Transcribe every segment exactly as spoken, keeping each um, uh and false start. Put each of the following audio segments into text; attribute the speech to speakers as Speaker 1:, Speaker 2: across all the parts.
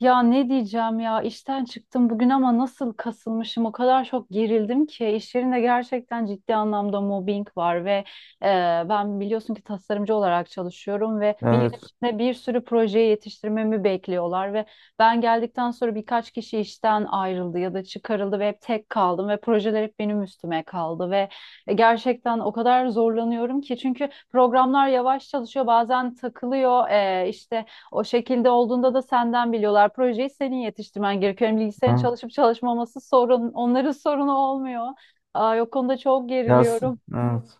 Speaker 1: Ya ne diyeceğim ya, işten çıktım bugün ama nasıl kasılmışım, o kadar çok gerildim ki. İş yerinde gerçekten ciddi anlamda mobbing var ve e, ben biliyorsun ki tasarımcı olarak çalışıyorum ve bir yıl
Speaker 2: Evet,
Speaker 1: içinde bir sürü projeyi yetiştirmemi bekliyorlar ve ben geldikten sonra birkaç kişi işten ayrıldı ya da çıkarıldı ve hep tek kaldım ve projeler hep benim üstüme kaldı ve e, gerçekten o kadar zorlanıyorum ki, çünkü programlar yavaş çalışıyor, bazen takılıyor. e, işte o şekilde olduğunda da senden biliyorlar. Projeyi senin yetiştirmen gerekiyor. Yani bilgisayarın
Speaker 2: evet.
Speaker 1: çalışıp çalışmaması sorun, onların sorunu olmuyor. Aa, o konuda çok
Speaker 2: Ya, s-
Speaker 1: geriliyorum.
Speaker 2: evet.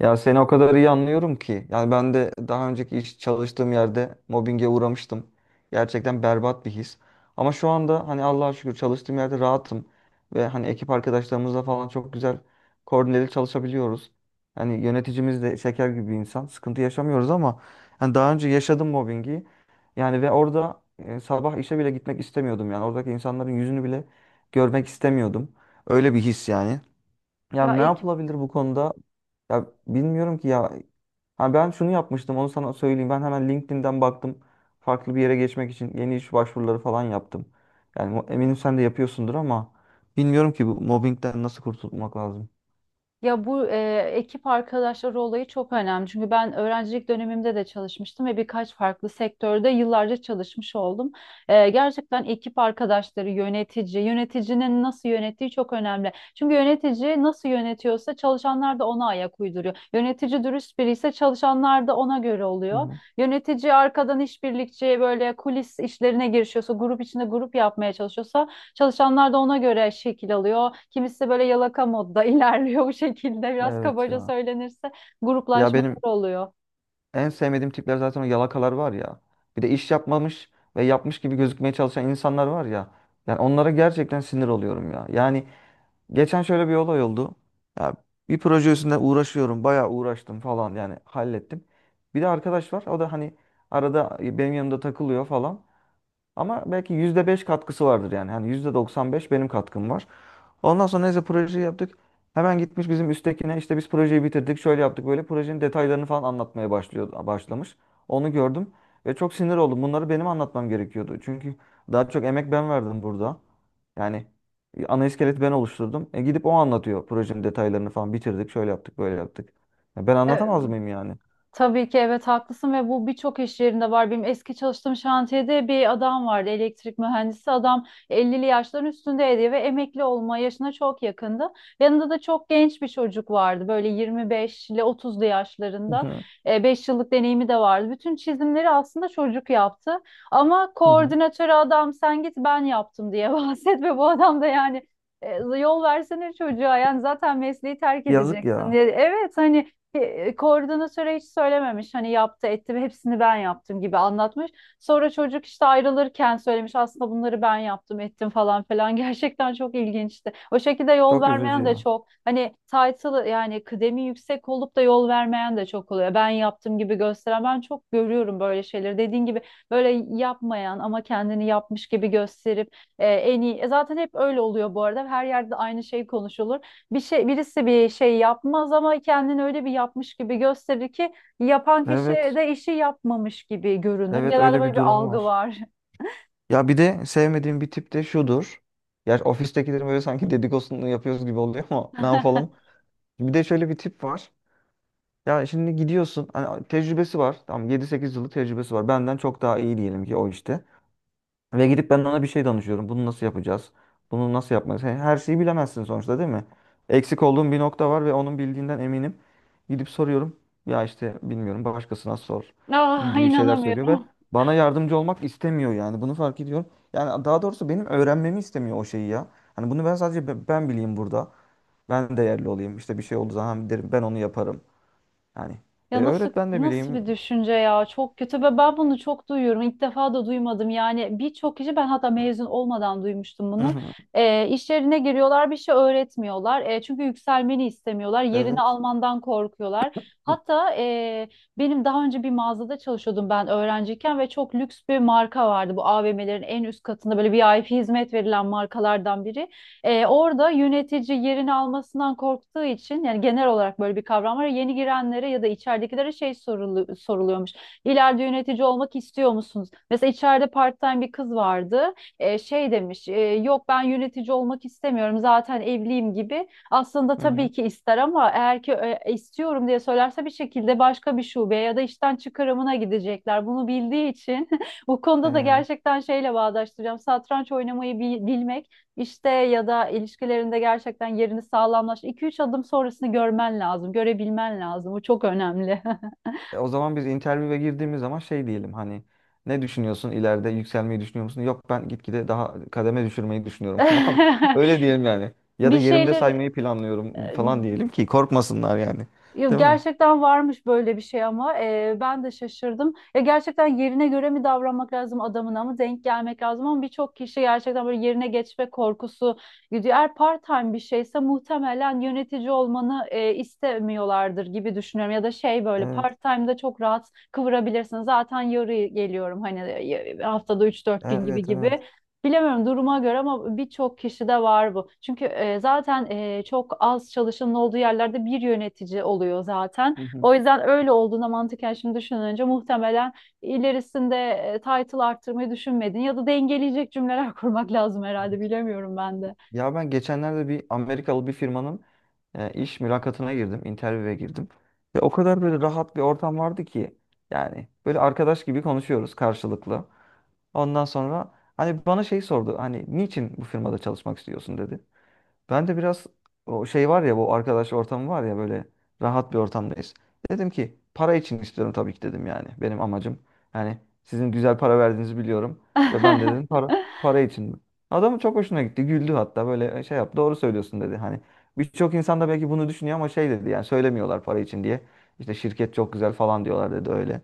Speaker 2: Ya seni o kadar iyi anlıyorum ki. Yani ben de daha önceki iş çalıştığım yerde mobbinge uğramıştım. Gerçekten berbat bir his. Ama şu anda hani Allah'a şükür çalıştığım yerde rahatım. Ve hani ekip arkadaşlarımızla falan çok güzel koordineli çalışabiliyoruz. Hani yöneticimiz de şeker gibi bir insan. Sıkıntı yaşamıyoruz ama hani daha önce yaşadım mobbingi. Yani ve orada e, sabah işe bile gitmek istemiyordum yani. Oradaki insanların yüzünü bile görmek istemiyordum. Öyle bir his yani. Ya
Speaker 1: Ya
Speaker 2: ne
Speaker 1: ekip...
Speaker 2: yapılabilir bu konuda? Ya bilmiyorum ki ya. Ha ben şunu yapmıştım onu sana söyleyeyim. Ben hemen LinkedIn'den baktım. Farklı bir yere geçmek için yeni iş başvuruları falan yaptım. Yani mu- eminim sen de yapıyorsundur ama bilmiyorum ki bu mobbingden nasıl kurtulmak lazım.
Speaker 1: Ya bu e, ekip arkadaşları olayı çok önemli. Çünkü ben öğrencilik dönemimde de çalışmıştım ve birkaç farklı sektörde yıllarca çalışmış oldum. E, gerçekten ekip arkadaşları, yönetici, yöneticinin nasıl yönettiği çok önemli. Çünkü yönetici nasıl yönetiyorsa çalışanlar da ona ayak uyduruyor. Yönetici dürüst biri ise çalışanlar da ona göre
Speaker 2: Hı
Speaker 1: oluyor.
Speaker 2: hı.
Speaker 1: Yönetici arkadan işbirlikçi böyle kulis işlerine girişiyorsa, grup içinde grup yapmaya çalışıyorsa çalışanlar da ona göre şekil alıyor. Kimisi böyle yalaka modda ilerliyor bu şekilde. Biraz
Speaker 2: Evet
Speaker 1: kabaca
Speaker 2: ya.
Speaker 1: söylenirse
Speaker 2: Ya
Speaker 1: gruplaşmalar
Speaker 2: benim
Speaker 1: oluyor.
Speaker 2: en sevmediğim tipler zaten o yalakalar var ya. Bir de iş yapmamış ve yapmış gibi gözükmeye çalışan insanlar var ya. Yani onlara gerçekten sinir oluyorum ya. Yani geçen şöyle bir olay oldu. Ya bir proje üstünde uğraşıyorum. Bayağı uğraştım falan yani hallettim. Bir de arkadaş var. O da hani arada benim yanımda takılıyor falan. Ama belki yüzde beş katkısı vardır yani. Hani yüzde doksan beş benim katkım var. Ondan sonra neyse projeyi yaptık. Hemen gitmiş bizim üsttekine işte biz projeyi bitirdik. Şöyle yaptık böyle projenin detaylarını falan anlatmaya başlıyor, başlamış. Onu gördüm ve çok sinir oldum. Bunları benim anlatmam gerekiyordu. Çünkü daha çok emek ben verdim burada. Yani e, ana iskeleti ben oluşturdum. E gidip o anlatıyor projenin detaylarını falan bitirdik. Şöyle yaptık böyle yaptık. Ya ben
Speaker 1: Ee,
Speaker 2: anlatamaz mıyım yani?
Speaker 1: Tabii ki evet, haklısın ve bu birçok iş yerinde var. Benim eski çalıştığım şantiyede bir adam vardı, elektrik mühendisi. Adam ellili yaşların üstündeydi ve emekli olma yaşına çok yakındı. Yanında da çok genç bir çocuk vardı, böyle yirmi beş ile otuzlu
Speaker 2: Hı
Speaker 1: yaşlarında.
Speaker 2: hı,
Speaker 1: E, beş yıllık deneyimi de vardı. Bütün çizimleri aslında çocuk yaptı. Ama
Speaker 2: hı hı.
Speaker 1: koordinatörü adam sen git ben yaptım diye bahset. Ve bu adam da yani e, yol versene çocuğa yani, zaten mesleği terk
Speaker 2: Yazık
Speaker 1: edeceksin
Speaker 2: ya.
Speaker 1: diye. Evet, hani e, koordinatöre hiç söylememiş, hani yaptı etti ve hepsini ben yaptım gibi anlatmış. Sonra çocuk işte ayrılırken söylemiş, aslında bunları ben yaptım ettim falan falan. Gerçekten çok ilginçti. O şekilde yol
Speaker 2: Çok üzücü
Speaker 1: vermeyen de
Speaker 2: ya.
Speaker 1: çok, hani title yani kıdemi yüksek olup da yol vermeyen de çok oluyor. Ben yaptım gibi gösteren, ben çok görüyorum böyle şeyleri. Dediğin gibi böyle yapmayan ama kendini yapmış gibi gösterip e, en iyi e, zaten hep öyle oluyor, bu arada her yerde aynı şey konuşulur. Bir şey birisi bir şey yapmaz ama kendini öyle bir yapmış gibi gösterir ki yapan kişi
Speaker 2: Evet.
Speaker 1: de işi yapmamış gibi görünür.
Speaker 2: Evet
Speaker 1: Genelde
Speaker 2: öyle
Speaker 1: böyle
Speaker 2: bir
Speaker 1: bir
Speaker 2: durum
Speaker 1: algı
Speaker 2: var.
Speaker 1: var.
Speaker 2: Ya bir de sevmediğim bir tip de şudur. Ya ofistekilerin böyle sanki dedikodusunu yapıyoruz gibi oluyor ama ne yapalım. Bir de şöyle bir tip var. Ya şimdi gidiyorsun. Hani tecrübesi var. Tamam yedi sekiz yıllık tecrübesi var. Benden çok daha iyi diyelim ki o işte. Ve gidip ben ona bir şey danışıyorum. Bunu nasıl yapacağız? Bunu nasıl yapmalıyız? He- Her şeyi bilemezsin sonuçta değil mi? Eksik olduğum bir nokta var ve onun bildiğinden eminim. Gidip soruyorum. Ya işte bilmiyorum başkasına sor
Speaker 1: Ah,
Speaker 2: gibi şeyler söylüyor ve
Speaker 1: inanamıyorum.
Speaker 2: bana yardımcı olmak istemiyor yani. Bunu fark ediyorum. Yani daha doğrusu benim öğrenmemi istemiyor o şeyi ya. Hani bunu ben sadece be- ben bileyim burada. Ben değerli olayım. İşte bir şey olduğu zaman derim ben onu yaparım. Yani e,
Speaker 1: Ya nasıl
Speaker 2: öğret ben de
Speaker 1: nasıl
Speaker 2: bileyim.
Speaker 1: bir düşünce ya, çok kötü. Ve ben bunu çok duyuyorum, ilk defa da duymadım yani. Birçok kişi, ben hatta mezun olmadan duymuştum
Speaker 2: Hı
Speaker 1: bunu.
Speaker 2: hı.
Speaker 1: ee, iş yerine giriyorlar, bir şey öğretmiyorlar. Ee, çünkü yükselmeni istemiyorlar, yerini
Speaker 2: Evet.
Speaker 1: almandan korkuyorlar. Hatta e, benim, daha önce bir mağazada çalışıyordum ben öğrenciyken ve çok lüks bir marka vardı, bu A V M'lerin en üst katında böyle V I P hizmet verilen markalardan biri. E, orada yönetici yerini almasından korktuğu için, yani genel olarak böyle bir kavram var, yeni girenlere ya da içeridekilere şey sorulu- soruluyormuş: İleride yönetici olmak istiyor musunuz? Mesela içeride part-time bir kız vardı. E, şey demiş, e, yok, ben yönetici olmak istemiyorum, zaten evliyim gibi. Aslında tabii
Speaker 2: Hı
Speaker 1: ki ister, ama eğer ki e, istiyorum diye söylerse bir şekilde başka bir şubeye ya da işten çıkarımına gidecekler. Bunu bildiği için. Bu konuda da
Speaker 2: hı.
Speaker 1: gerçekten şeyle bağdaştıracağım: satranç oynamayı bi- bilmek işte, ya da ilişkilerinde gerçekten yerini sağlamlaş. iki üç adım sonrasını görmen lazım, görebilmen lazım. Bu çok önemli.
Speaker 2: E, O zaman biz intervyuya girdiğimiz zaman şey diyelim hani ne düşünüyorsun ileride yükselmeyi düşünüyor musun? Yok ben gitgide daha kademe düşürmeyi düşünüyorum falan. Öyle diyelim yani. Ya da
Speaker 1: Bir
Speaker 2: yerimde
Speaker 1: şeyler...
Speaker 2: saymayı planlıyorum falan diyelim ki korkmasınlar yani.
Speaker 1: Ya
Speaker 2: Değil mi?
Speaker 1: gerçekten varmış böyle bir şey ama e, ben de şaşırdım. Ya gerçekten yerine göre mi davranmak lazım, adamına mı denk gelmek lazım? Ama birçok kişi gerçekten böyle yerine geçme korkusu gidiyor. Eğer part-time bir şeyse muhtemelen yönetici olmanı e, istemiyorlardır gibi düşünüyorum. Ya da şey, böyle
Speaker 2: Evet,
Speaker 1: part-time'da çok rahat kıvırabilirsin. Zaten yarı geliyorum hani, e, haftada üç dört gün gibi
Speaker 2: evet, evet.
Speaker 1: gibi. Bilemiyorum, duruma göre ama birçok kişide var bu. Çünkü e, zaten e, çok az çalışanın olduğu yerlerde bir yönetici oluyor zaten.
Speaker 2: Hı hı.
Speaker 1: O yüzden öyle olduğunda mantıken şimdi düşününce, muhtemelen ilerisinde e, title arttırmayı düşünmedin ya da dengeleyecek cümleler kurmak lazım herhalde, bilemiyorum ben de.
Speaker 2: Ya ben geçenlerde bir Amerikalı bir firmanın e, iş mülakatına girdim, interview'e girdim. Ve o kadar böyle rahat bir ortam vardı ki yani böyle arkadaş gibi konuşuyoruz karşılıklı. Ondan sonra hani bana şey sordu. Hani niçin bu firmada çalışmak istiyorsun dedi. Ben de biraz o şey var ya bu arkadaş ortamı var ya böyle rahat bir ortamdayız. Dedim ki para için istiyorum tabii ki dedim yani. Benim amacım. Yani sizin güzel para verdiğinizi biliyorum. Ve ben de dedim para para için. Adamın çok hoşuna gitti. Güldü hatta böyle e, şey yap doğru söylüyorsun dedi. Hani birçok insan da belki bunu düşünüyor ama şey dedi yani söylemiyorlar para için diye. İşte şirket çok güzel falan diyorlar dedi öyle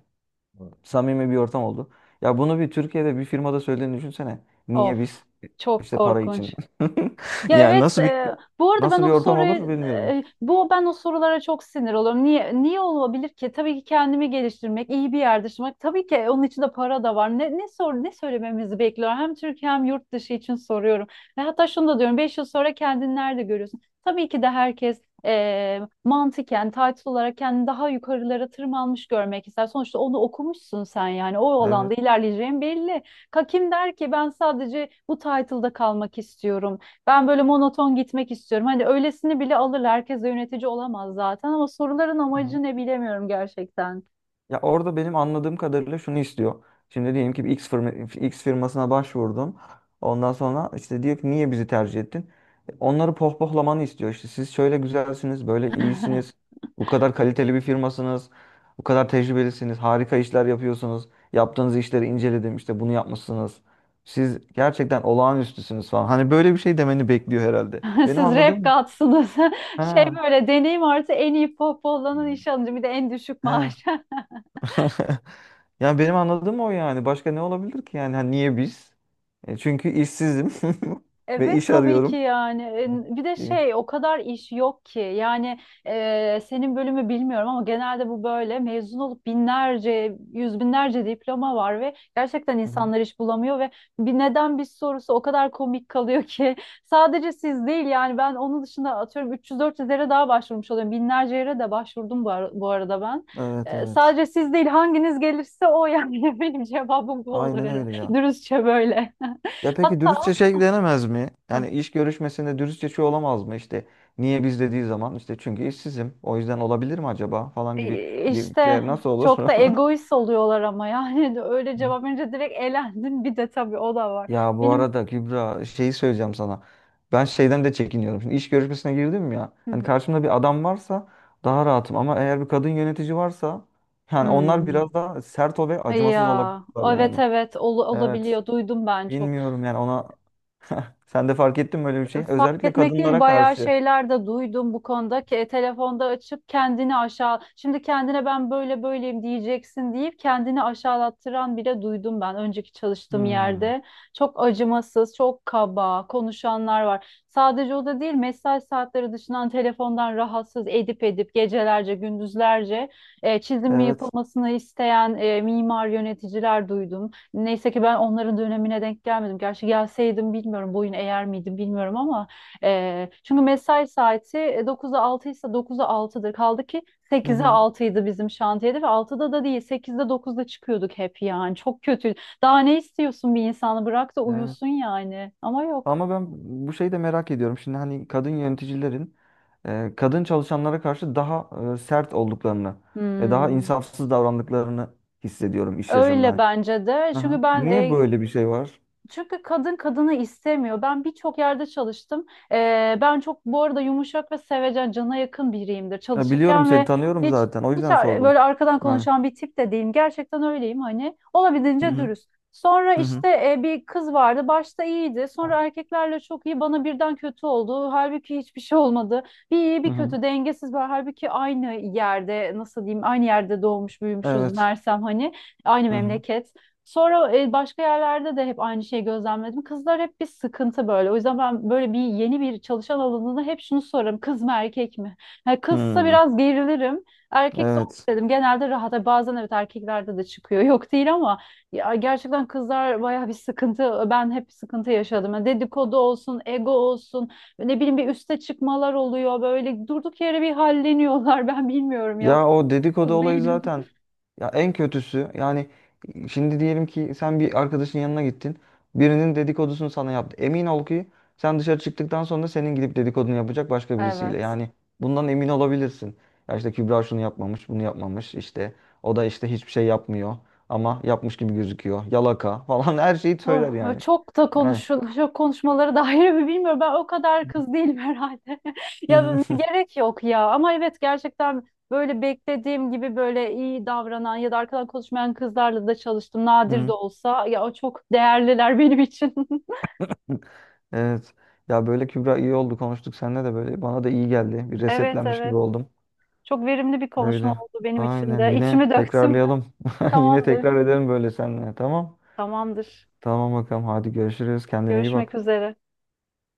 Speaker 2: samimi bir ortam oldu. Ya bunu bir Türkiye'de bir firmada söylediğini düşünsene. Niye
Speaker 1: Of,
Speaker 2: biz
Speaker 1: çok
Speaker 2: işte para için?
Speaker 1: korkunç. Ya
Speaker 2: Yani
Speaker 1: evet,
Speaker 2: nasıl bir
Speaker 1: e, bu arada ben
Speaker 2: nasıl bir
Speaker 1: o
Speaker 2: ortam olur
Speaker 1: soruyu
Speaker 2: bilmiyorum.
Speaker 1: e, bu ben o sorulara çok sinir oluyorum. Niye niye olabilir ki? Tabii ki kendimi geliştirmek, iyi bir yerde yaşamak. Tabii ki onun için de para da var. Ne ne sor ne söylememizi bekliyor? Hem Türkiye hem yurt dışı için soruyorum. Ve hatta şunu da diyorum: beş yıl sonra kendini nerede görüyorsun? Tabii ki de herkes e, mantıken, title olarak kendini daha yukarılara tırmanmış görmek ister. Sonuçta onu okumuşsun sen yani, o
Speaker 2: Evet.
Speaker 1: alanda ilerleyeceğin belli. Ka- Kim der ki ben sadece bu title'da kalmak istiyorum, ben böyle monoton gitmek istiyorum? Hani öylesini bile alırlar. Herkes de yönetici olamaz zaten, ama soruların amacı ne bilemiyorum gerçekten.
Speaker 2: Ya orada benim anladığım kadarıyla şunu istiyor. Şimdi diyelim ki bir X firma, X firmasına başvurdun. Ondan sonra işte diyor ki niye bizi tercih ettin? E, Onları pohpohlamanı istiyor. İşte siz şöyle güzelsiniz, böyle iyisiniz. Bu kadar kaliteli bir firmasınız. Bu kadar tecrübelisiniz. Harika işler yapıyorsunuz. Yaptığınız işleri inceledim. İşte bunu yapmışsınız. Siz gerçekten olağanüstüsünüz falan. Hani böyle bir şey demeni bekliyor herhalde. Benim
Speaker 1: Siz rap
Speaker 2: anladığım...
Speaker 1: katsınız. Şey,
Speaker 2: Ha,
Speaker 1: böyle deneyim artı en iyi pop olanın iş alınca bir de en düşük
Speaker 2: he.
Speaker 1: maaş.
Speaker 2: Yani benim anladığım o yani. Başka ne olabilir ki yani? Hani niye biz? E, çünkü işsizim ve
Speaker 1: Evet,
Speaker 2: iş
Speaker 1: tabii ki
Speaker 2: arıyorum.
Speaker 1: yani. E, bir de
Speaker 2: E,
Speaker 1: şey, o kadar iş yok ki yani. E, senin bölümü bilmiyorum ama genelde bu böyle, mezun olup binlerce yüz binlerce diploma var ve gerçekten
Speaker 2: hı hı.
Speaker 1: insanlar iş bulamıyor ve bir neden bir sorusu o kadar komik kalıyor ki. Sadece siz değil yani, ben onun dışında atıyorum üç yüz dört yüz yere daha başvurmuş oluyorum, binlerce yere de başvurdum bu, ar- bu arada ben.
Speaker 2: Evet
Speaker 1: E,
Speaker 2: evet.
Speaker 1: sadece siz değil, hanginiz gelirse o yani. Benim cevabım bu olur
Speaker 2: Aynen
Speaker 1: herhalde,
Speaker 2: öyle ya.
Speaker 1: dürüstçe böyle.
Speaker 2: Ya peki dürüstçe
Speaker 1: Hatta...
Speaker 2: şey denemez mi? Yani iş görüşmesinde dürüstçe şey olamaz mı? İşte? Niye biz dediği zaman işte çünkü işsizim. O yüzden olabilir mi acaba falan gibi.
Speaker 1: İşte
Speaker 2: Şey, nasıl olur?
Speaker 1: çok da egoist oluyorlar ama, yani de öyle cevap verince direkt elendin. Bir de tabii o da var.
Speaker 2: Ya bu
Speaker 1: Benim...
Speaker 2: arada Kübra şeyi söyleyeceğim sana. Ben şeyden de çekiniyorum. Şimdi iş görüşmesine girdim ya.
Speaker 1: Hı
Speaker 2: Hani
Speaker 1: hı.
Speaker 2: karşımda bir adam varsa daha rahatım. Ama eğer bir kadın yönetici varsa yani onlar
Speaker 1: Hmm.
Speaker 2: biraz daha sert o ve acımasız
Speaker 1: Ya
Speaker 2: olabilirler
Speaker 1: evet
Speaker 2: yani.
Speaker 1: evet, ol-
Speaker 2: Evet.
Speaker 1: olabiliyor. Duydum ben çok.
Speaker 2: Bilmiyorum yani ona. Sen de fark ettin mi öyle bir şey?
Speaker 1: Fark
Speaker 2: Özellikle
Speaker 1: etmek değil,
Speaker 2: kadınlara
Speaker 1: bayağı
Speaker 2: karşı.
Speaker 1: şeyler de duydum bu konuda ki e, telefonda açıp kendini aşağı, şimdi kendine ben böyle böyleyim diyeceksin deyip kendini aşağılattıran bile duydum ben önceki çalıştığım
Speaker 2: Hmm.
Speaker 1: yerde. Çok acımasız, çok kaba konuşanlar var. Sadece o da değil, mesai saatleri dışından telefondan rahatsız edip edip gecelerce gündüzlerce e, çizim
Speaker 2: Evet.
Speaker 1: yapılmasını isteyen e, mimar yöneticiler duydum. Neyse ki ben onların dönemine denk gelmedim. Gerçi gelseydim bilmiyorum boyun eğer miydim bilmiyorum ama e, çünkü mesai saati e, dokuza altı ise dokuza altıdır. Kaldı ki
Speaker 2: Hı
Speaker 1: sekize
Speaker 2: hı.
Speaker 1: altıydı bizim şantiyede ve altıda da değil, sekizde dokuzda çıkıyorduk hep yani. Çok kötü. Daha ne istiyorsun, bir insanı bırak da
Speaker 2: Evet.
Speaker 1: uyusun yani. Ama yok.
Speaker 2: Ama ben bu şeyi de merak ediyorum. Şimdi hani kadın yöneticilerin e, kadın çalışanlara karşı daha e, sert olduklarını ve daha
Speaker 1: Hmm.
Speaker 2: insafsız davrandıklarını hissediyorum iş yaşamında.
Speaker 1: Öyle
Speaker 2: Hani
Speaker 1: bence de. Çünkü
Speaker 2: aha.
Speaker 1: ben
Speaker 2: Niye
Speaker 1: e,
Speaker 2: böyle bir şey var?
Speaker 1: Çünkü kadın kadını istemiyor. Ben birçok yerde çalıştım. Ee, ben çok bu arada yumuşak ve sevecen, cana yakın biriyimdir
Speaker 2: Ya biliyorum
Speaker 1: çalışırken.
Speaker 2: seni
Speaker 1: Ve
Speaker 2: tanıyorum
Speaker 1: hiç
Speaker 2: zaten. O
Speaker 1: hiç
Speaker 2: yüzden sordum.
Speaker 1: böyle arkadan
Speaker 2: Yani.
Speaker 1: konuşan bir tip de değilim. Gerçekten öyleyim hani,
Speaker 2: Hı
Speaker 1: olabildiğince
Speaker 2: hı.
Speaker 1: dürüst. Sonra
Speaker 2: Hı hı.
Speaker 1: işte e, bir kız vardı. Başta iyiydi. Sonra erkeklerle çok iyi, bana birden kötü oldu. Halbuki hiçbir şey olmadı. Bir iyi
Speaker 2: Hı
Speaker 1: bir
Speaker 2: hı.
Speaker 1: kötü, dengesiz var. Halbuki aynı yerde, nasıl diyeyim, aynı yerde doğmuş büyümüşüz
Speaker 2: Evet.
Speaker 1: Mersem hani. Aynı
Speaker 2: Hı hı.
Speaker 1: memleket. Sonra e, başka yerlerde de hep aynı şeyi gözlemledim. Kızlar hep bir sıkıntı böyle. O yüzden ben böyle bir yeni bir çalışan alanında hep şunu sorarım: kız mı erkek mi? Yani kızsa
Speaker 2: Hı.
Speaker 1: biraz gerilirim. Erkekse olur
Speaker 2: Evet.
Speaker 1: dedim, genelde rahat. Ha, bazen evet erkeklerde de çıkıyor, yok değil, ama ya gerçekten kızlar bayağı bir sıkıntı. Ben hep sıkıntı yaşadım. Yani dedikodu olsun, ego olsun, ne bileyim bir üste çıkmalar oluyor. Böyle durduk yere bir halleniyorlar. Ben bilmiyorum ya,
Speaker 2: Ya o dedikodu
Speaker 1: kız
Speaker 2: olayı
Speaker 1: değilim.
Speaker 2: zaten ya en kötüsü yani şimdi diyelim ki sen bir arkadaşın yanına gittin. Birinin dedikodusunu sana yaptı. Emin ol ki sen dışarı çıktıktan sonra senin gidip dedikodunu yapacak başka birisiyle.
Speaker 1: Evet.
Speaker 2: Yani bundan emin olabilirsin. Ya işte Kübra şunu yapmamış, bunu yapmamış işte. O da işte hiçbir şey yapmıyor ama yapmış gibi gözüküyor. Yalaka falan her şeyi
Speaker 1: Oh,
Speaker 2: söyler yani.
Speaker 1: çok da
Speaker 2: Yani.
Speaker 1: konuşul, çok konuşmaları da ayrı bir, bilmiyorum. Ben o kadar kız değilim herhalde.
Speaker 2: Hı
Speaker 1: Ya
Speaker 2: hı,
Speaker 1: gerek yok ya. Ama evet, gerçekten böyle beklediğim gibi böyle iyi davranan ya da arkadan konuşmayan kızlarla da çalıştım. Nadir de
Speaker 2: hı
Speaker 1: olsa ya, o çok değerliler benim için.
Speaker 2: hı. Evet. Ya böyle Kübra iyi oldu konuştuk seninle de böyle bana da iyi geldi. Bir
Speaker 1: Evet,
Speaker 2: resetlenmiş gibi
Speaker 1: evet.
Speaker 2: oldum.
Speaker 1: Çok verimli bir konuşma
Speaker 2: Öyle.
Speaker 1: oldu benim için
Speaker 2: Aynen.
Speaker 1: de.
Speaker 2: Yine
Speaker 1: İçimi döktüm.
Speaker 2: tekrarlayalım. Yine
Speaker 1: Tamamdır.
Speaker 2: tekrar edelim böyle seninle. Tamam.
Speaker 1: Tamamdır.
Speaker 2: Tamam bakalım. Hadi görüşürüz. Kendine iyi
Speaker 1: Görüşmek
Speaker 2: bak.
Speaker 1: üzere.